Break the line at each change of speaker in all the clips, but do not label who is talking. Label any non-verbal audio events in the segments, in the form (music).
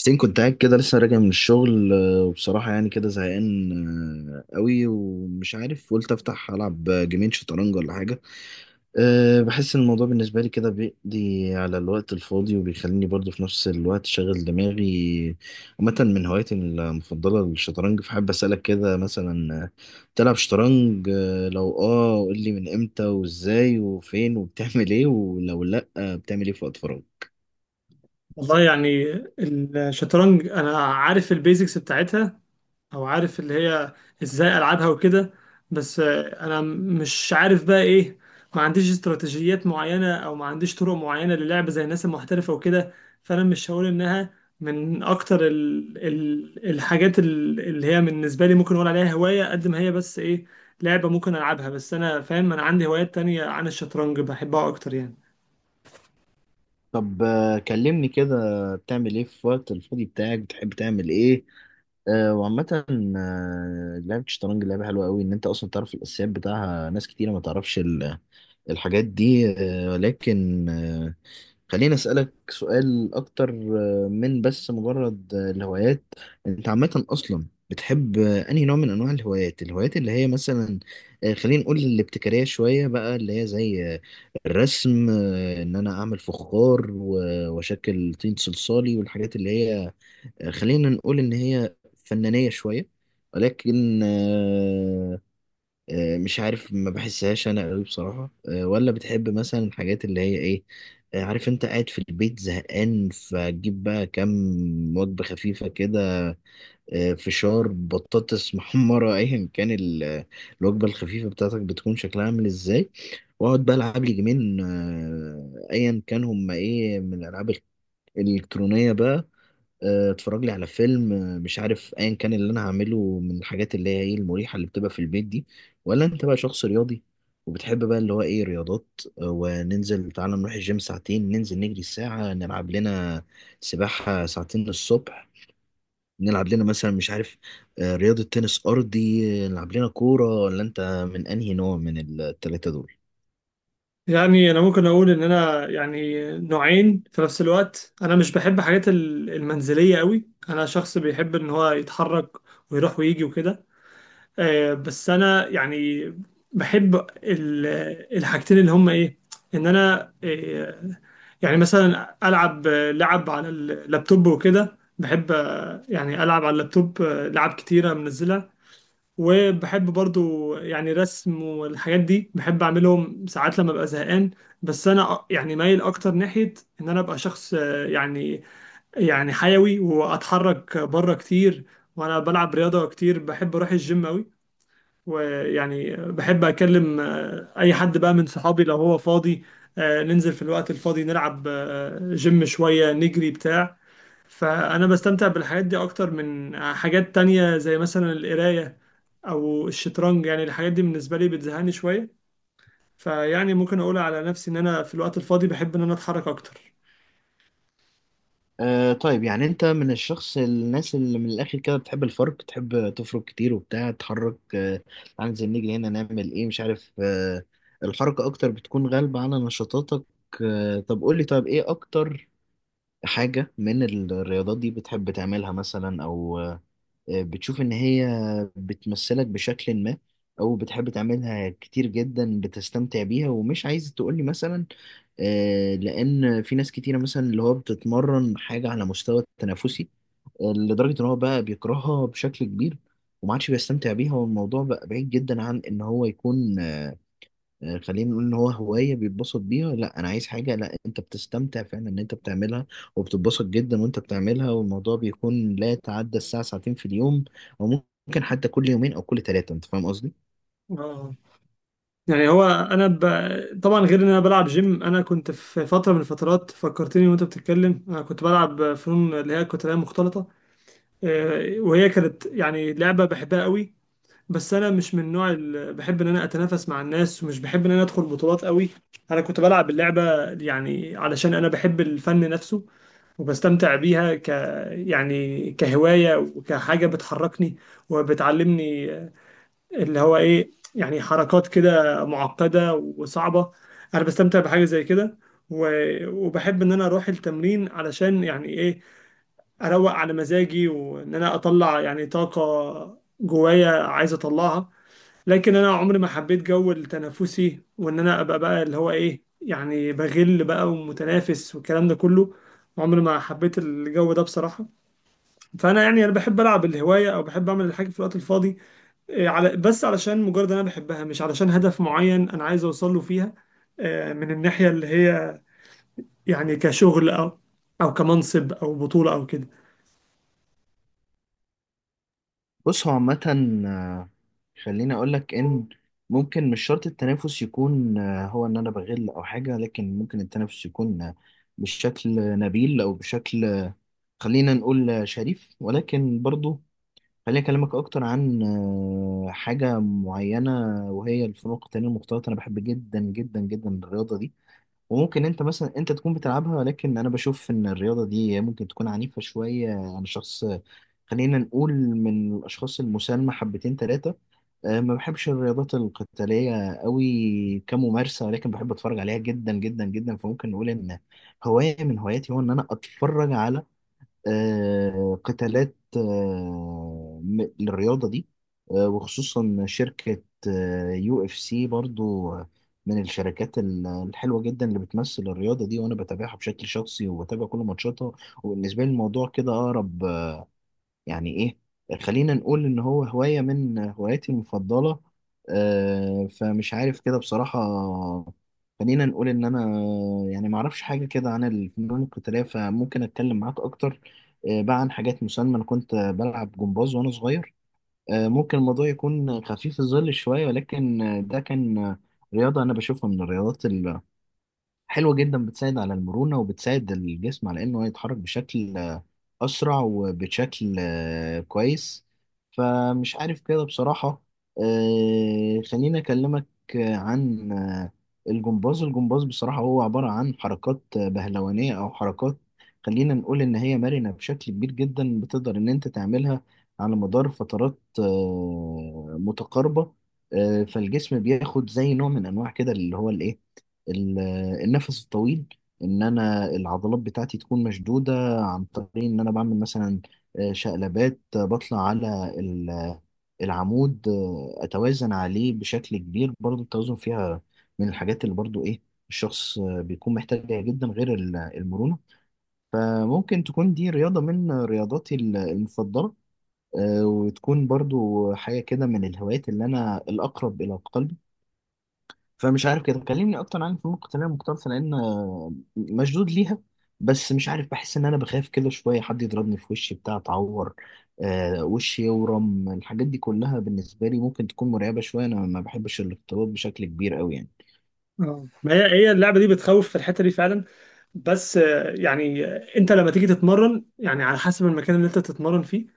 حسين كنت قاعد كده لسه راجع من الشغل، وبصراحة يعني كده زهقان قوي. ومش عارف قلت أفتح ألعب جيمين شطرنج ولا حاجة. بحس إن الموضوع بالنسبة لي كده بيقضي على الوقت الفاضي وبيخليني برضه في نفس الوقت شغل دماغي. عامة من هواياتي المفضلة الشطرنج، فحب أسألك كده مثلا، تلعب شطرنج؟ لو قول لي من إمتى وإزاي وفين وبتعمل إيه، ولو لأ بتعمل إيه في وقت فراغ؟
والله يعني الشطرنج انا عارف البيزكس بتاعتها، او عارف اللي هي ازاي العبها وكده. بس انا مش عارف بقى ايه. ما عنديش استراتيجيات معينة او ما عنديش طرق معينة للعب زي الناس المحترفة وكده. فانا مش هقول انها من اكتر ال الحاجات اللي هي بالنسبة لي ممكن اقول عليها هواية، قد ما هي بس ايه لعبة ممكن العبها. بس انا فاهم انا عندي هوايات تانية عن الشطرنج بحبها اكتر يعني.
طب، كلمني كده، بتعمل ايه في وقت الفاضي بتاعك؟ بتحب تعمل ايه؟ وعامة، لعبة الشطرنج لعبة حلوة قوي، ان انت اصلا تعرف الاساسيات بتاعها. ناس كتيرة ما تعرفش الحاجات دي. لكن خليني أسألك سؤال أكتر من بس مجرد الهوايات. أنت عامة أصلا بتحب أنهي نوع من أنواع الهوايات؟ اللي هي مثلا خلينا نقول الابتكارية شوية بقى، اللي هي زي الرسم، إن أنا أعمل فخار و- وأشكل طين صلصالي، والحاجات اللي هي خلينا نقول إن هي فنانية شوية. ولكن مش عارف، ما بحسهاش انا قوي بصراحه. ولا بتحب مثلا الحاجات اللي هي ايه؟ عارف انت قاعد في البيت زهقان فتجيب بقى كام وجبه خفيفه كده، فشار، بطاطس (laughs) محمره، ايا كان الوجبه الخفيفه بتاعتك بتكون شكلها عامل ازاي. واقعد بقى العب لي جيمين، ايا كان هما ايه من الالعاب الالكترونيه بقى. اتفرج لي على فيلم، مش عارف ايا كان اللي انا هعمله من الحاجات اللي هي ايه المريحه اللي بتبقى في البيت دي. ولا انت بقى شخص رياضي وبتحب بقى اللي هو ايه رياضات، وننزل تعالى نروح الجيم ساعتين، ننزل نجري ساعه، نلعب لنا سباحه ساعتين الصبح، نلعب لنا مثلا مش عارف رياضه تنس ارضي، نلعب لنا كوره. ولا انت من انهي نوع من الثلاثه دول؟
يعني انا ممكن اقول ان انا يعني نوعين في نفس الوقت. انا مش بحب حاجات المنزليه قوي، انا شخص بيحب ان هو يتحرك ويروح ويجي وكده. بس انا يعني بحب ال- الحاجتين اللي هم ايه، ان انا يعني مثلا العب لعب على اللابتوب وكده. بحب يعني العب على اللابتوب لعب كتيره منزلها. وبحب برضو يعني رسم والحاجات دي بحب اعملهم ساعات لما ابقى زهقان. بس انا يعني مايل اكتر ناحية ان انا ابقى شخص يعني حيوي واتحرك بره كتير. وانا بلعب رياضة كتير، بحب اروح الجيم قوي. ويعني بحب اكلم اي حد بقى من صحابي لو هو فاضي. ننزل في الوقت الفاضي نلعب جيم شوية نجري بتاع. فأنا بستمتع بالحاجات دي أكتر من حاجات تانية زي مثلا القراية أو الشطرنج. يعني الحاجات دي بالنسبة لي بتزهقني شوية. فيعني ممكن أقول على نفسي إن أنا في الوقت الفاضي بحب إن أنا أتحرك أكتر.
طيب، يعني انت من الناس اللي من الاخر كده بتحب الفرق، تحب تفرق كتير وبتاع، تحرك تعال ننزل نيجي هنا نعمل ايه مش عارف، الحركة اكتر بتكون غالبة على نشاطاتك. طب قول لي طيب، ايه اكتر حاجة من الرياضات دي بتحب تعملها مثلا، او بتشوف ان هي بتمثلك بشكل ما، او بتحب تعملها كتير جدا بتستمتع بيها ومش عايز تقول لي مثلا. لان في ناس كتيره مثلا اللي هو بتتمرن حاجه على مستوى التنافسي لدرجه ان هو بقى بيكرهها بشكل كبير وما عادش بيستمتع بيها، والموضوع بقى بعيد جدا عن ان هو يكون خلينا نقول ان هو هوايه بيتبسط بيها. لا انا عايز حاجه، لا انت بتستمتع فعلا ان انت بتعملها وبتتبسط جدا وانت بتعملها، والموضوع بيكون لا يتعدى الساعه ساعتين في اليوم، او ممكن حتى كل يومين او كل ثلاثه، انت فاهم قصدي؟
اه، يعني طبعا غير إن أنا بلعب جيم، أنا كنت في فترة من الفترات، فكرتني وأنت بتتكلم، أنا كنت بلعب فنون اللي هي القتالية المختلطة. وهي كانت يعني لعبة بحبها قوي. بس انا مش من النوع اللي بحب ان انا اتنافس مع الناس، ومش بحب ان انا ادخل بطولات قوي. انا كنت بلعب اللعبه يعني علشان انا بحب الفن نفسه، وبستمتع بيها يعني كهوايه وكحاجه بتحركني وبتعلمني اللي هو ايه، يعني حركات كده معقده وصعبه. انا بستمتع بحاجه زي كده. و... وبحب ان انا اروح التمرين علشان يعني ايه، اروق على مزاجي وان انا اطلع يعني طاقه جوايا عايز اطلعها. لكن انا عمري ما حبيت جو التنافسي، وان انا ابقى بقى اللي هو ايه، يعني بغل بقى ومتنافس والكلام ده كله. عمري ما حبيت الجو ده بصراحة. فانا يعني انا بحب العب الهواية او بحب اعمل الحاجة في الوقت الفاضي إيه، على بس علشان مجرد إن انا بحبها، مش علشان هدف معين انا عايز اوصل له فيها. من الناحية اللي هي يعني كشغل او كمنصب او بطولة او كده.
بص، هو عامة آه، خليني أقول لك إن ممكن مش شرط التنافس يكون هو إن أنا بغل أو حاجة، لكن ممكن التنافس يكون بشكل نبيل أو بشكل خلينا نقول شريف. ولكن برضو خليني أكلمك أكتر عن حاجة معينة، وهي الفنون القتالية المختلطة. أنا بحب جدا جدا جدا الرياضة دي، وممكن أنت مثلا أنت تكون بتلعبها، ولكن أنا بشوف إن الرياضة دي ممكن تكون عنيفة شوية عن شخص، خلينا نقول من الأشخاص المسالمة حبتين تلاتة. ما بحبش الرياضات القتالية قوي كممارسة، ولكن بحب أتفرج عليها جدا جدا جدا. فممكن نقول إن هواية من هواياتي هو إن أنا أتفرج على قتالات للرياضة دي، وخصوصا شركة يو اف سي. برضو من الشركات الحلوة جدا اللي بتمثل الرياضة دي، وأنا بتابعها بشكل شخصي وبتابع كل ماتشاتها. وبالنسبة لي الموضوع كده أقرب، يعني ايه، خلينا نقول ان هو هواية من هواياتي المفضلة. فمش عارف كده بصراحة، خلينا نقول ان انا يعني ما اعرفش حاجة كده عن الفنون القتالية، فممكن اتكلم معاك اكتر بقى عن حاجات مسلمة. انا كنت بلعب جمباز وانا صغير. ممكن الموضوع يكون خفيف الظل شوية، ولكن ده كان رياضة انا بشوفها من الرياضات حلوة جدا، بتساعد على المرونة وبتساعد الجسم على إنه يتحرك بشكل أسرع وبشكل كويس. فمش عارف كده بصراحة، خليني أكلمك عن الجمباز. الجمباز بصراحة هو عبارة عن حركات بهلوانية، أو حركات خلينا نقول إن هي مرنة بشكل كبير جدا، بتقدر إن أنت تعملها على مدار فترات متقاربة. فالجسم بياخد زي نوع من أنواع كده اللي هو الإيه، ال- النفس الطويل، ان انا العضلات بتاعتي تكون مشدودة عن طريق ان انا بعمل مثلا شقلبات، بطلع على العمود، اتوازن عليه بشكل كبير. برضو التوازن فيها من الحاجات اللي برضو ايه الشخص بيكون محتاجها جدا غير المرونة. فممكن تكون دي رياضة من رياضاتي المفضلة، وتكون برضو حاجة كده من الهوايات اللي أنا الأقرب إلى قلبي. فمش عارف كده، كلمني اكتر عن الفنون القتاليه المختلطه لان مشدود ليها. بس مش عارف، بحس ان انا بخاف كده شويه حد يضربني في وشي بتاع اتعور، وشي يورم، الحاجات دي كلها بالنسبه لي ممكن تكون مرعبه شويه. انا ما بحبش الاختلاط بشكل كبير قوي يعني.
اه، ما هي هي اللعبة دي بتخوف في الحتة دي فعلا. بس يعني انت لما تيجي تتمرن، يعني على حسب المكان اللي انت تتمرن فيه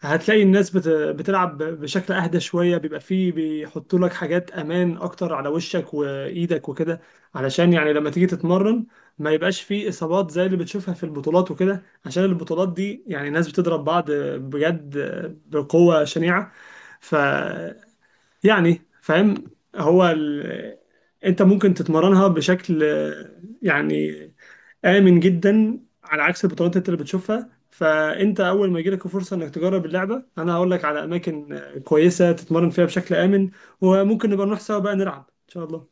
هتلاقي الناس بتلعب بشكل اهدى شوية. بيبقى فيه بيحطوا لك حاجات امان اكتر على وشك وايدك وكده، علشان يعني لما تيجي تتمرن ما يبقاش فيه اصابات زي اللي بتشوفها في البطولات وكده. عشان البطولات دي يعني ناس بتضرب بعض بجد، بقوة شنيعة. ف يعني فاهم. هو ال... انت ممكن تتمرنها بشكل يعني آمن جدا، على عكس البطولات اللي بتشوفها. فأنت أول ما يجيلك فرصة إنك تجرب اللعبة، أنا هقول لك على أماكن كويسة تتمرن فيها بشكل آمن. وممكن نبقى نروح سوا بقى نلعب إن شاء الله.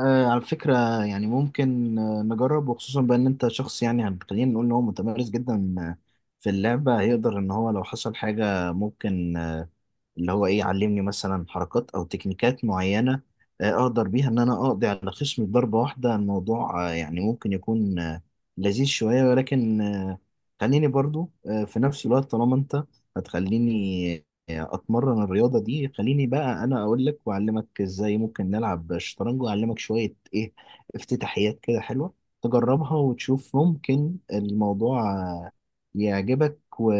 على فكره، يعني ممكن نجرب، وخصوصا بان انت شخص يعني خلينا نقول ان هو متمرس جدا في اللعبه، هيقدر ان هو لو حصل حاجه ممكن اللي هو ايه علمني مثلا حركات او تكنيكات معينه اقدر بيها ان انا اقضي على خصمي بضربه واحده. الموضوع يعني ممكن يكون لذيذ شويه، ولكن خليني برضو في نفس الوقت طالما انت هتخليني اتمرن الرياضه دي، خليني بقى انا اقول لك واعلمك ازاي ممكن نلعب شطرنج، واعلمك شويه ايه افتتاحيات كده حلوه تجربها وتشوف ممكن الموضوع يعجبك و...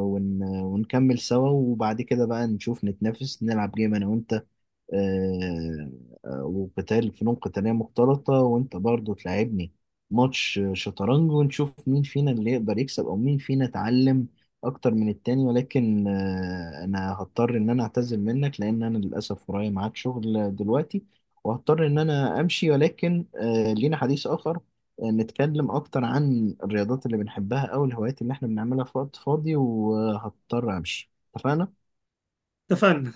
ون... ونكمل سوا. وبعد كده بقى نشوف، نتنافس نلعب جيم انا وانت آه، وقتال فنون قتالية مختلطة، وانت برضو تلعبني ماتش شطرنج، ونشوف مين فينا اللي يقدر يكسب او مين فينا اتعلم اكتر من التاني. ولكن انا هضطر ان انا اعتذر منك لان انا للاسف ورايا ميعاد شغل دلوقتي، وهضطر ان انا امشي. ولكن لينا حديث اخر نتكلم اكتر عن الرياضات اللي بنحبها او الهوايات اللي احنا بنعملها في وقت فاضي. وهضطر امشي، اتفقنا؟
اتفقنا.